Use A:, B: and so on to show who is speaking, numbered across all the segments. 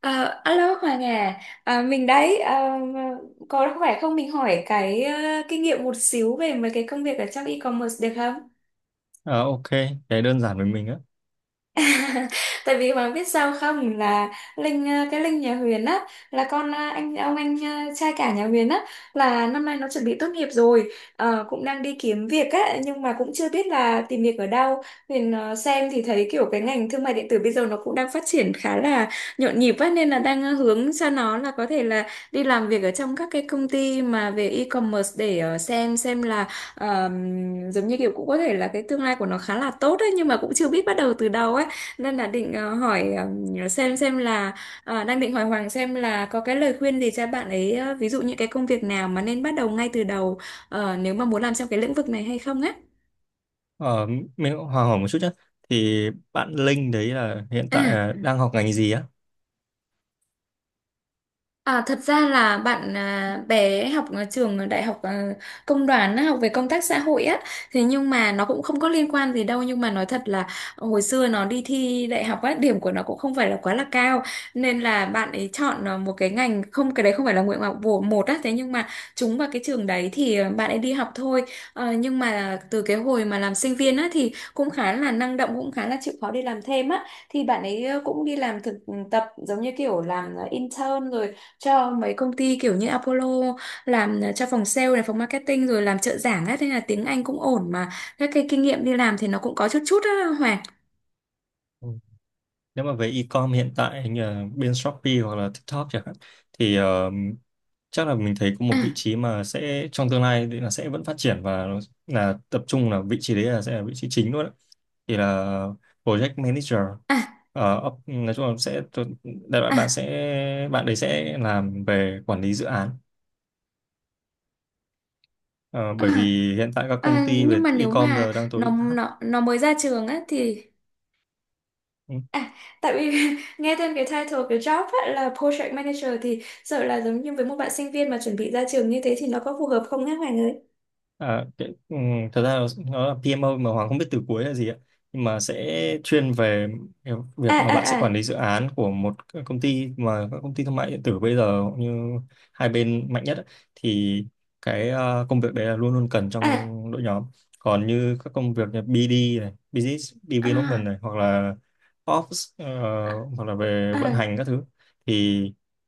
A: À, alo Hoàng à, à mình đấy à, có khỏe không mình hỏi cái kinh nghiệm một xíu về mấy cái công việc ở trong e-commerce được không?
B: Ờ, ok, cái đơn giản với mình á.
A: Tại vì bạn biết sao không là Linh cái Linh nhà Huyền á là con anh ông anh trai cả nhà Huyền á là năm nay nó chuẩn bị tốt nghiệp rồi. Ờ, cũng đang đi kiếm việc á nhưng mà cũng chưa biết là tìm việc ở đâu. Huyền xem thì thấy kiểu cái ngành thương mại điện tử bây giờ nó cũng đang phát triển khá là nhộn nhịp á nên là đang hướng cho nó là có thể là đi làm việc ở trong các cái công ty mà về e-commerce để xem là ờ, giống như kiểu cũng có thể là cái tương lai của nó khá là tốt á nhưng mà cũng chưa biết bắt đầu từ đâu ấy, nên là định hỏi xem là đang định hỏi Hoàng xem là có cái lời khuyên gì cho bạn ấy, ví dụ những cái công việc nào mà nên bắt đầu ngay từ đầu, nếu mà muốn làm trong cái lĩnh vực này hay không á.
B: Ờ, mình cũng hỏi hỏi một chút nhé. Thì bạn Linh đấy là hiện tại
A: À,
B: là đang học ngành gì á?
A: à, thật ra là bạn à, bé học ở trường đại học công đoàn á, học về công tác xã hội á, thế nhưng mà nó cũng không có liên quan gì đâu, nhưng mà nói thật là hồi xưa nó đi thi đại học á, điểm của nó cũng không phải là quá là cao, nên là bạn ấy chọn một cái ngành không, cái đấy không phải là nguyện vọng của một á, thế nhưng mà trúng vào cái trường đấy thì bạn ấy đi học thôi. Ờ, nhưng mà từ cái hồi mà làm sinh viên á thì cũng khá là năng động, cũng khá là chịu khó đi làm thêm á, thì bạn ấy cũng đi làm thực tập giống như kiểu làm intern rồi cho mấy công ty kiểu như Apollo, làm cho phòng sale này, phòng marketing, rồi làm trợ giảng á, thế là tiếng Anh cũng ổn mà các cái kinh nghiệm đi làm thì nó cũng có chút chút á Hoàng.
B: Ừ. Nếu mà về e-com hiện tại hình như là bên Shopee hoặc là TikTok chẳng hạn, thì chắc là mình thấy có
A: À,
B: một vị trí mà sẽ trong tương lai thì là sẽ vẫn phát triển và nó là tập trung là vị trí đấy là sẽ là vị trí chính luôn á. Thì là project manager.
A: à,
B: Nói chung là sẽ đại loại
A: à,
B: bạn đấy sẽ làm về quản lý dự án. Ờ,
A: à.
B: bởi vì hiện tại các công
A: À,
B: ty
A: nhưng
B: về
A: mà nếu
B: e-com
A: mà
B: giờ đang
A: nó
B: tối áp.
A: nó nó mới ra trường á thì
B: Ừ.
A: à, tại vì nghe tên cái title cái job á là project manager thì sợ là giống như với một bạn sinh viên mà chuẩn bị ra trường như thế thì nó có phù hợp không á Hoàng ơi?
B: À, cái, ừm, Thật ra nó là PMO mà Hoàng không biết từ cuối là gì ạ, nhưng mà sẽ chuyên về cái
A: À,
B: việc mà bạn sẽ quản
A: à,
B: lý dự án của một cái công ty, mà các công ty thương mại điện tử bây giờ như hai bên mạnh nhất ấy, thì cái công việc đấy là luôn luôn cần
A: à,
B: trong
A: à,
B: đội nhóm. Còn như các công việc như BD này, Business Development
A: à,
B: này, hoặc là Ops, hoặc là về
A: à,
B: vận
A: à,
B: hành các thứ, thì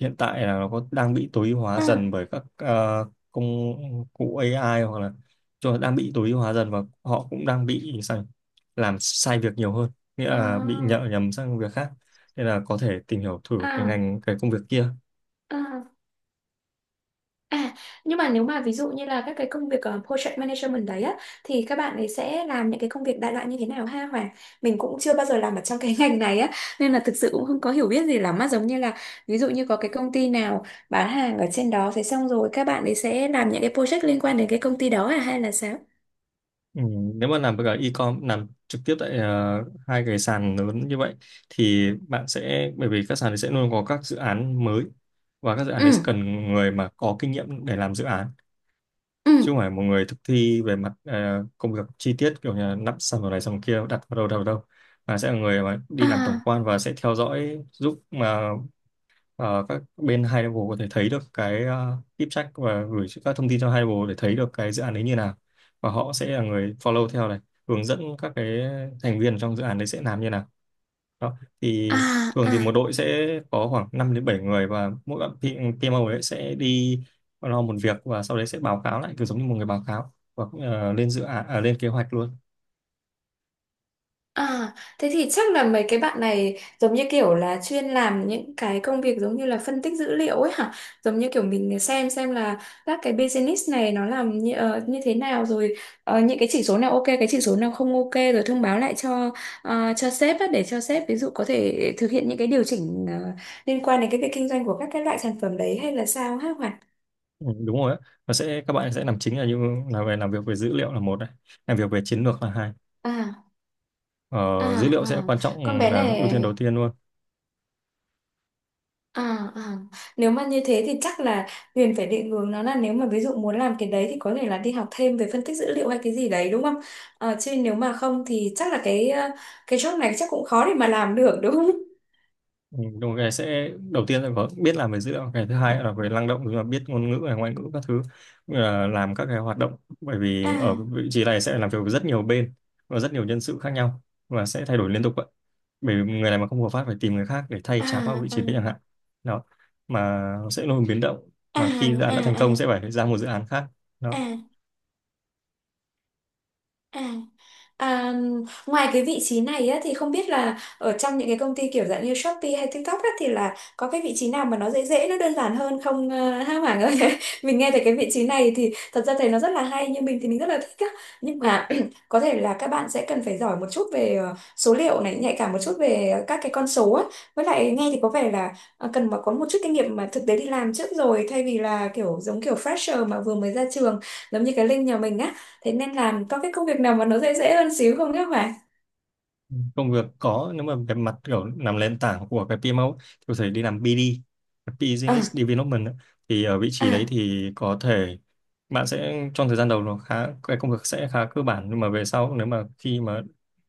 B: hiện tại là nó có đang bị tối ưu hóa dần bởi các công cụ AI, hoặc là rồi đang bị tối ưu hóa dần, và họ cũng đang bị sai, làm sai việc nhiều hơn, nghĩa là bị nhợ nhầm sang việc khác, nên là có thể tìm hiểu thử
A: à,
B: cái
A: à,
B: ngành, cái công việc kia.
A: à. À, nhưng mà nếu mà ví dụ như là các cái công việc project management đấy á thì các bạn ấy sẽ làm những cái công việc đại loại như thế nào ha Hoàng? Mình cũng chưa bao giờ làm ở trong cái ngành này á nên là thực sự cũng không có hiểu biết gì lắm á, giống như là ví dụ như có cái công ty nào bán hàng ở trên đó, thế xong rồi các bạn ấy sẽ làm những cái project liên quan đến cái công ty đó à hay là sao?
B: Ừ, nếu mà làm với cả e-com, làm trực tiếp tại hai cái sàn lớn như vậy, thì bạn sẽ bởi vì các sàn đấy sẽ luôn có các dự án mới, và các dự án
A: Ừ,
B: đấy sẽ cần người mà có kinh nghiệm để làm dự án,
A: ừ.
B: chứ không phải một người thực thi về mặt công việc chi tiết, kiểu như là nắp xong rồi này xong kia đặt vào đâu đâu đâu, mà sẽ là người mà đi làm tổng
A: À,
B: quan và sẽ theo dõi giúp mà các bên hai level có thể thấy được cái deep check và gửi các thông tin cho hai level để thấy được cái dự án đấy như nào, và họ sẽ là người follow theo này, hướng dẫn các cái thành viên trong dự án đấy sẽ làm như nào đó. Thì
A: à,
B: thường thì một
A: à.
B: đội sẽ có khoảng 5 đến 7 người, và mỗi bạn PMO ấy sẽ đi lo một việc và sau đấy sẽ báo cáo lại, cứ giống như một người báo cáo và lên dự án, lên kế hoạch luôn.
A: À, thế thì chắc là mấy cái bạn này giống như kiểu là chuyên làm những cái công việc giống như là phân tích dữ liệu ấy hả? Giống như kiểu mình xem là các cái business này nó làm như thế nào, rồi những cái chỉ số nào ok, cái chỉ số nào không ok, rồi thông báo lại cho cho sếp á, để cho sếp ví dụ có thể thực hiện những cái điều chỉnh liên quan đến cái việc kinh doanh của các cái loại sản phẩm đấy hay là sao hả Hoàn?
B: Ừ, đúng rồi á. Và sẽ các bạn sẽ làm chính là như là về làm việc về dữ liệu là một này, làm việc về chiến lược là hai.
A: À, à,
B: Ờ, dữ liệu sẽ
A: à,
B: quan
A: con
B: trọng,
A: bé
B: là ưu tiên đầu
A: này.
B: tiên luôn.
A: À, à. Nếu mà như thế thì chắc là Huyền phải định hướng nó là nếu mà ví dụ muốn làm cái đấy thì có thể là đi học thêm về phân tích dữ liệu hay cái gì đấy đúng không? Ờ, chứ nếu mà không thì chắc là cái cái job này chắc cũng khó để mà làm được đúng không?
B: Ừ, đúng, cái sẽ đầu tiên là có biết làm về dữ liệu, cái thứ hai là về năng động, tức là biết ngôn ngữ này, ngoại ngữ các thứ, làm các cái hoạt động, bởi vì ở
A: À,
B: vị trí này sẽ làm việc với rất nhiều bên và rất nhiều nhân sự khác nhau, và sẽ thay đổi liên tục vậy, bởi vì người này mà không hợp pháp phải tìm người khác để thay
A: à,
B: cháp vào vị
A: à,
B: trí đấy chẳng hạn, đó, mà sẽ luôn biến động,
A: à,
B: mà khi dự án
A: à,
B: đã thành công
A: à,
B: sẽ phải ra một dự án khác đó.
A: à. À. À, ngoài cái vị trí này á, thì không biết là ở trong những cái công ty kiểu dạng như Shopee hay TikTok á, thì là có cái vị trí nào mà nó dễ dễ nó đơn giản hơn không ha Hoàng ơi? Mình nghe thấy cái vị trí này thì thật ra thấy nó rất là hay, nhưng mình thì mình rất là thích á, nhưng mà có thể là các bạn sẽ cần phải giỏi một chút về số liệu này, nhạy cảm một chút về các cái con số á, với lại nghe thì có vẻ là cần mà có một chút kinh nghiệm mà thực tế đi làm trước, rồi thay vì là kiểu giống kiểu fresher mà vừa mới ra trường giống như cái Linh nhà mình á. Thế nên làm có cái công việc nào mà nó dễ dễ hơn xíu không các bạn?
B: Công việc có, nếu mà về mặt kiểu làm nền tảng của cái PMO ấy, thì có thể đi làm BD,
A: À,
B: Business Development ấy. Thì ở vị trí đấy
A: à,
B: thì có thể bạn sẽ trong thời gian đầu nó khá, cái công việc sẽ khá cơ bản, nhưng mà về sau nếu mà khi mà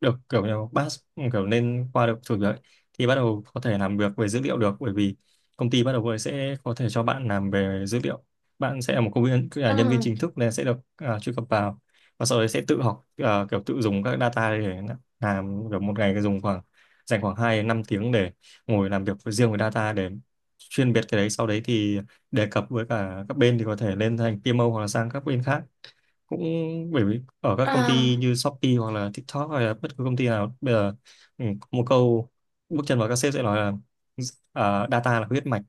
B: được kiểu như pass, kiểu lên qua được thử việc ấy, thì bắt đầu có thể làm việc về dữ liệu được, bởi vì công ty bắt đầu với sẽ có thể cho bạn làm về dữ liệu, bạn sẽ là một công viên là nhân viên
A: à,
B: chính thức nên sẽ được truy cập vào, và sau đấy sẽ tự học, kiểu tự dùng các data để à, kiểu một ngày dùng khoảng dành khoảng 2 đến năm tiếng để ngồi làm việc với riêng với data, để chuyên biệt cái đấy, sau đấy thì đề cập với cả các bên thì có thể lên thành PMO hoặc là sang các bên khác cũng, bởi vì ở các công ty
A: à.
B: như Shopee hoặc là TikTok hay là bất cứ công ty nào bây giờ, ừ, một câu bước chân vào các sếp sẽ nói là, à, data là huyết mạch.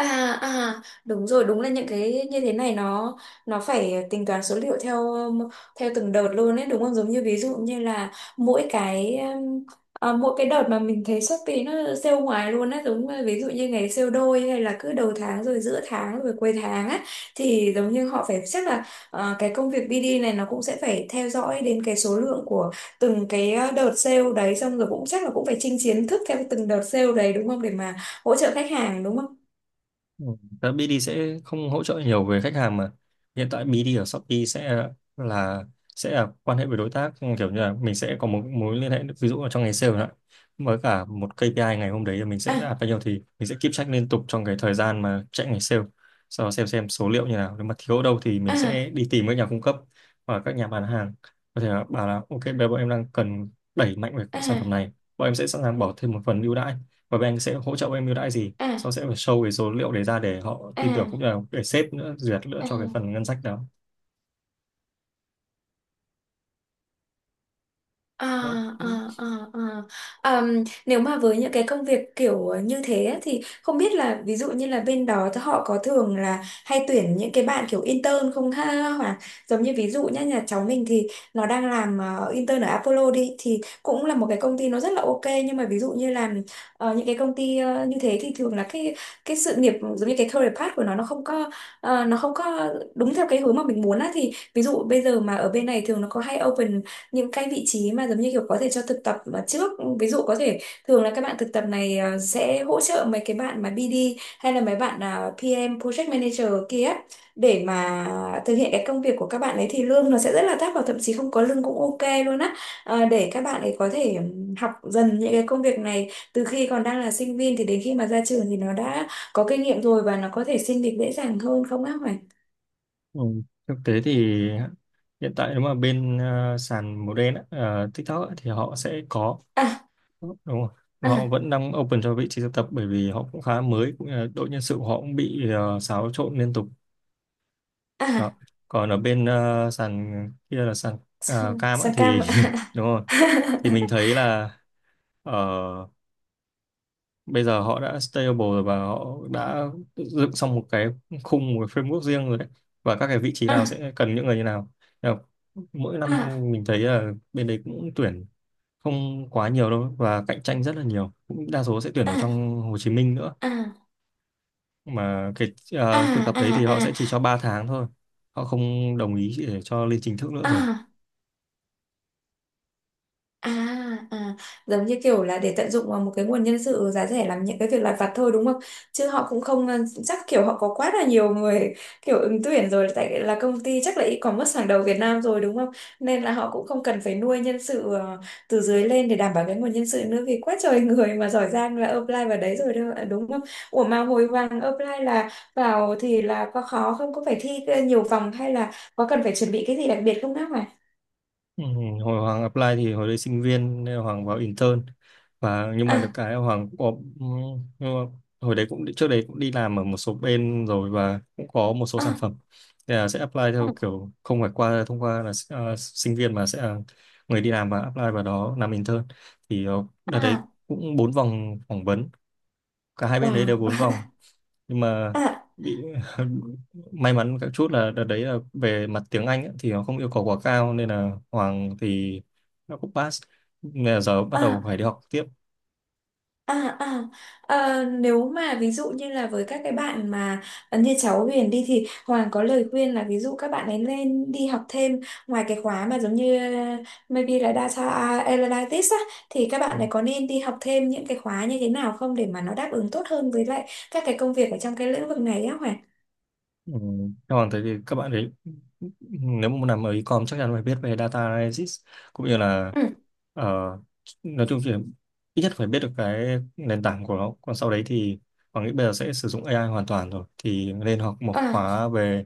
A: À, à, đúng rồi, đúng là những cái như thế này nó phải tính toán số liệu theo theo từng đợt luôn ấy đúng không, giống như ví dụ như là mỗi cái um, mỗi cái đợt mà mình thấy Shopee nó sale ngoài luôn á, giống như ví dụ như ngày sale đôi hay là cứ đầu tháng rồi giữa tháng rồi cuối tháng á, thì giống như họ phải chắc là cái công việc BD này nó cũng sẽ phải theo dõi đến cái số lượng của từng cái đợt sale đấy, xong rồi cũng chắc là cũng phải chinh chiến thức theo từng đợt sale đấy đúng không để mà hỗ trợ khách hàng đúng không?
B: Ừ. Đó, BD sẽ không hỗ trợ nhiều về khách hàng mà hiện tại BD ở Shopee là sẽ là quan hệ với đối tác, kiểu như là mình sẽ có một mối liên hệ, ví dụ là trong ngày sale nữa, với cả một KPI ngày hôm đấy là mình sẽ
A: À,
B: đạt bao nhiêu, thì mình sẽ keep track liên tục trong cái thời gian mà chạy ngày sale, sau đó xem số liệu như nào, nếu mà thiếu ở đâu thì mình sẽ
A: à,
B: đi tìm các nhà cung cấp và các nhà bán hàng, có thể là bảo là ok bây giờ bọn em đang cần đẩy mạnh về sản phẩm
A: à,
B: này, bọn em sẽ sẵn sàng bỏ thêm một phần ưu đãi và bên anh sẽ hỗ trợ bên em ưu đãi gì,
A: à,
B: sau sẽ phải show cái số liệu đấy ra để họ tin tưởng, cũng
A: à,
B: như là để sếp nữa duyệt nữa
A: à.
B: cho cái phần ngân sách đó.
A: À,
B: Đó.
A: à, à, à. Àm, nếu mà với những cái công việc kiểu như thế á, thì không biết là ví dụ như là bên đó thì họ có thường là hay tuyển những cái bạn kiểu intern không ha, hoặc giống như ví dụ nhá nhà cháu mình thì nó đang làm intern ở Apollo đi thì cũng là một cái công ty nó rất là ok, nhưng mà ví dụ như là những cái công ty như thế thì thường là cái sự nghiệp giống như cái career path của nó không có nó không có đúng theo cái hướng mà mình muốn á, thì ví dụ bây giờ mà ở bên này thường nó có hay open những cái vị trí mà giống như kiểu có thể cho thực tập mà trước, ví dụ có thể thường là các bạn thực tập này sẽ hỗ trợ mấy cái bạn mà BD hay là mấy bạn PM Project Manager kia á, để mà thực hiện cái công việc của các bạn ấy thì lương nó sẽ rất là thấp và thậm chí không có lương cũng ok luôn á. Ờ, để các bạn ấy có thể học dần những cái công việc này từ khi còn đang là sinh viên, thì đến khi mà ra trường thì nó đã có kinh nghiệm rồi và nó có thể xin việc dễ dàng hơn không á Hoài?
B: Ừ. Thực tế thì hiện tại nếu mà bên sàn màu đen á, ờ, TikTok á, thì họ sẽ có,
A: À,
B: đúng rồi, họ
A: à,
B: vẫn đang open cho vị trí thực tập, bởi vì họ cũng khá mới, cũng như là đội nhân sự của họ cũng bị xáo trộn liên tục, đó.
A: à,
B: Còn ở bên sàn kia là sàn
A: sang,
B: cam á,
A: sang cam
B: thì
A: ạ.
B: đúng rồi, thì mình thấy là ờ, bây giờ họ đã stable rồi, và họ đã dựng xong một cái khung, một cái framework riêng rồi đấy, và các cái vị trí nào
A: À,
B: sẽ cần những người như nào. Nên là mỗi năm
A: à,
B: mình thấy là bên đấy cũng tuyển không quá nhiều đâu, và cạnh tranh rất là nhiều, cũng đa số sẽ tuyển vào
A: à,
B: trong Hồ Chí Minh nữa,
A: à,
B: mà cái
A: à,
B: thực tập đấy thì họ
A: à, à,
B: sẽ chỉ cho 3 tháng thôi, họ không đồng ý để cho lên chính thức nữa rồi.
A: à. À, à, giống như kiểu là để tận dụng vào một cái nguồn nhân sự giá rẻ làm những cái việc lặt vặt thôi đúng không? Chứ họ cũng không chắc kiểu họ có quá là nhiều người kiểu ứng tuyển rồi, tại là công ty chắc là e-commerce hàng đầu Việt Nam rồi đúng không? Nên là họ cũng không cần phải nuôi nhân sự từ dưới lên để đảm bảo cái nguồn nhân sự nữa, vì quá trời người mà giỏi giang là apply vào đấy rồi đâu, đúng không? Ủa mà hồi vàng apply là vào thì là có khó không? Có phải thi nhiều vòng hay là có cần phải chuẩn bị cái gì đặc biệt không các bạn?
B: Ừ, hồi Hoàng apply thì hồi đấy sinh viên, nên là Hoàng vào intern, và nhưng mà được
A: À,
B: cái là Hoàng cũng có, ừ, nhưng mà hồi đấy cũng trước đấy cũng đi làm ở một số bên rồi, và cũng có một số sản
A: à,
B: phẩm. Thế là sẽ apply
A: à,
B: theo kiểu không phải qua, thông qua là sinh viên, mà sẽ là người đi làm và apply vào đó làm intern. Thì đợt đấy
A: à,
B: cũng bốn vòng phỏng vấn, cả hai bên đấy
A: wow.
B: đều bốn vòng, nhưng mà
A: À,
B: bị may mắn các chút là đợt đấy là về mặt tiếng Anh ấy, thì nó không yêu cầu quá cao nên là Hoàng thì nó cũng pass, nên là giờ bắt đầu phải
A: à,
B: đi học tiếp.
A: à, à. Ờ, nếu mà ví dụ như là với các cái bạn mà như cháu Huyền đi thì Hoàng có lời khuyên là ví dụ các bạn ấy nên đi học thêm ngoài cái khóa mà giống như maybe là data analytics á, thì các bạn ấy có nên đi học thêm những cái khóa như thế nào không để mà nó đáp ứng tốt hơn với lại các cái công việc ở trong cái lĩnh vực này á Hoàng.
B: Ừ. Còn thế thì các bạn ấy nếu mà muốn làm ở e-com chắc chắn phải biết về data analysis, cũng như là
A: Ừ.
B: ờ, nói chung thì ít nhất phải biết được cái nền tảng của nó, còn sau đấy thì Hoàng nghĩ bây giờ sẽ sử dụng AI hoàn toàn rồi, thì nên học một
A: À,
B: khóa về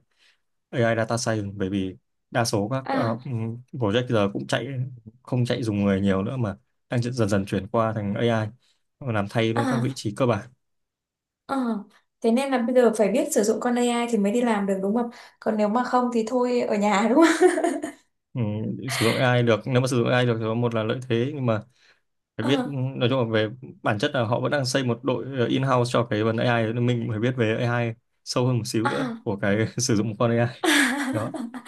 B: AI data science, bởi vì đa số các
A: à,
B: project giờ cũng chạy không chạy dùng người nhiều nữa, mà đang dần dần chuyển qua thành AI làm thay luôn các
A: à,
B: vị trí cơ bản.
A: à. Thế nên là bây giờ phải biết sử dụng con AI thì mới đi làm được đúng không? Còn nếu mà không thì thôi ở nhà đúng không?
B: Ừ, Sử dụng AI được, nếu mà sử dụng AI được thì có một là lợi thế, nhưng mà phải biết,
A: Ờ,
B: nói chung là về bản chất là họ vẫn đang xây một đội in-house cho cái vấn AI đấy, nên mình phải biết về AI sâu hơn một xíu nữa
A: à,
B: của cái sử dụng một con AI đó.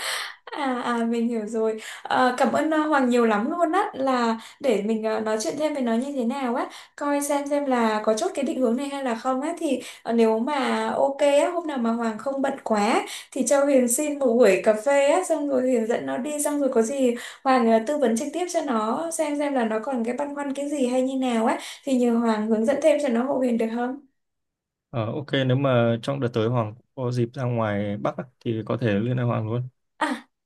A: à, à mình hiểu rồi, à, cảm ơn Hoàng nhiều lắm luôn á, là để mình nói chuyện thêm với nó như thế nào á, coi xem là có chốt cái định hướng này hay là không á, thì nếu mà ok á hôm nào mà Hoàng không bận quá thì cho Huyền xin một buổi cà phê á, xong rồi Huyền dẫn nó đi, xong rồi có gì Hoàng tư vấn trực tiếp cho nó xem là nó còn cái băn khoăn cái gì hay như nào á, thì nhờ Hoàng hướng dẫn thêm cho nó hộ Huyền được không?
B: Ờ, ok, nếu mà trong đợt tới Hoàng có dịp ra ngoài Bắc á, thì có thể liên hệ Hoàng luôn.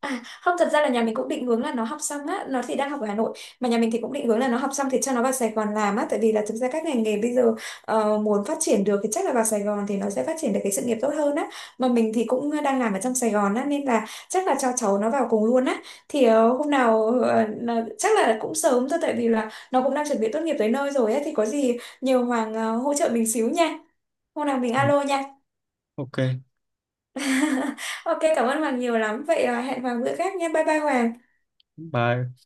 A: À, không thật ra là nhà mình cũng định hướng là nó học xong á, nó thì đang học ở Hà Nội, mà nhà mình thì cũng định hướng là nó học xong thì cho nó vào Sài Gòn làm á, tại vì là thực ra các ngành nghề bây giờ muốn phát triển được thì chắc là vào Sài Gòn thì nó sẽ phát triển được cái sự nghiệp tốt hơn á, mà mình thì cũng đang làm ở trong Sài Gòn á nên là chắc là cho cháu nó vào cùng luôn á, thì hôm nào chắc là cũng sớm thôi, tại vì là nó cũng đang chuẩn bị tốt nghiệp tới nơi rồi á, thì có gì nhiều Hoàng hỗ trợ mình xíu nha, hôm nào mình
B: Ừ,
A: alo nha.
B: ok,
A: Ok, cảm ơn Hoàng nhiều lắm vậy, hẹn Hoàng bữa khác nha, bye bye Hoàng.
B: bye.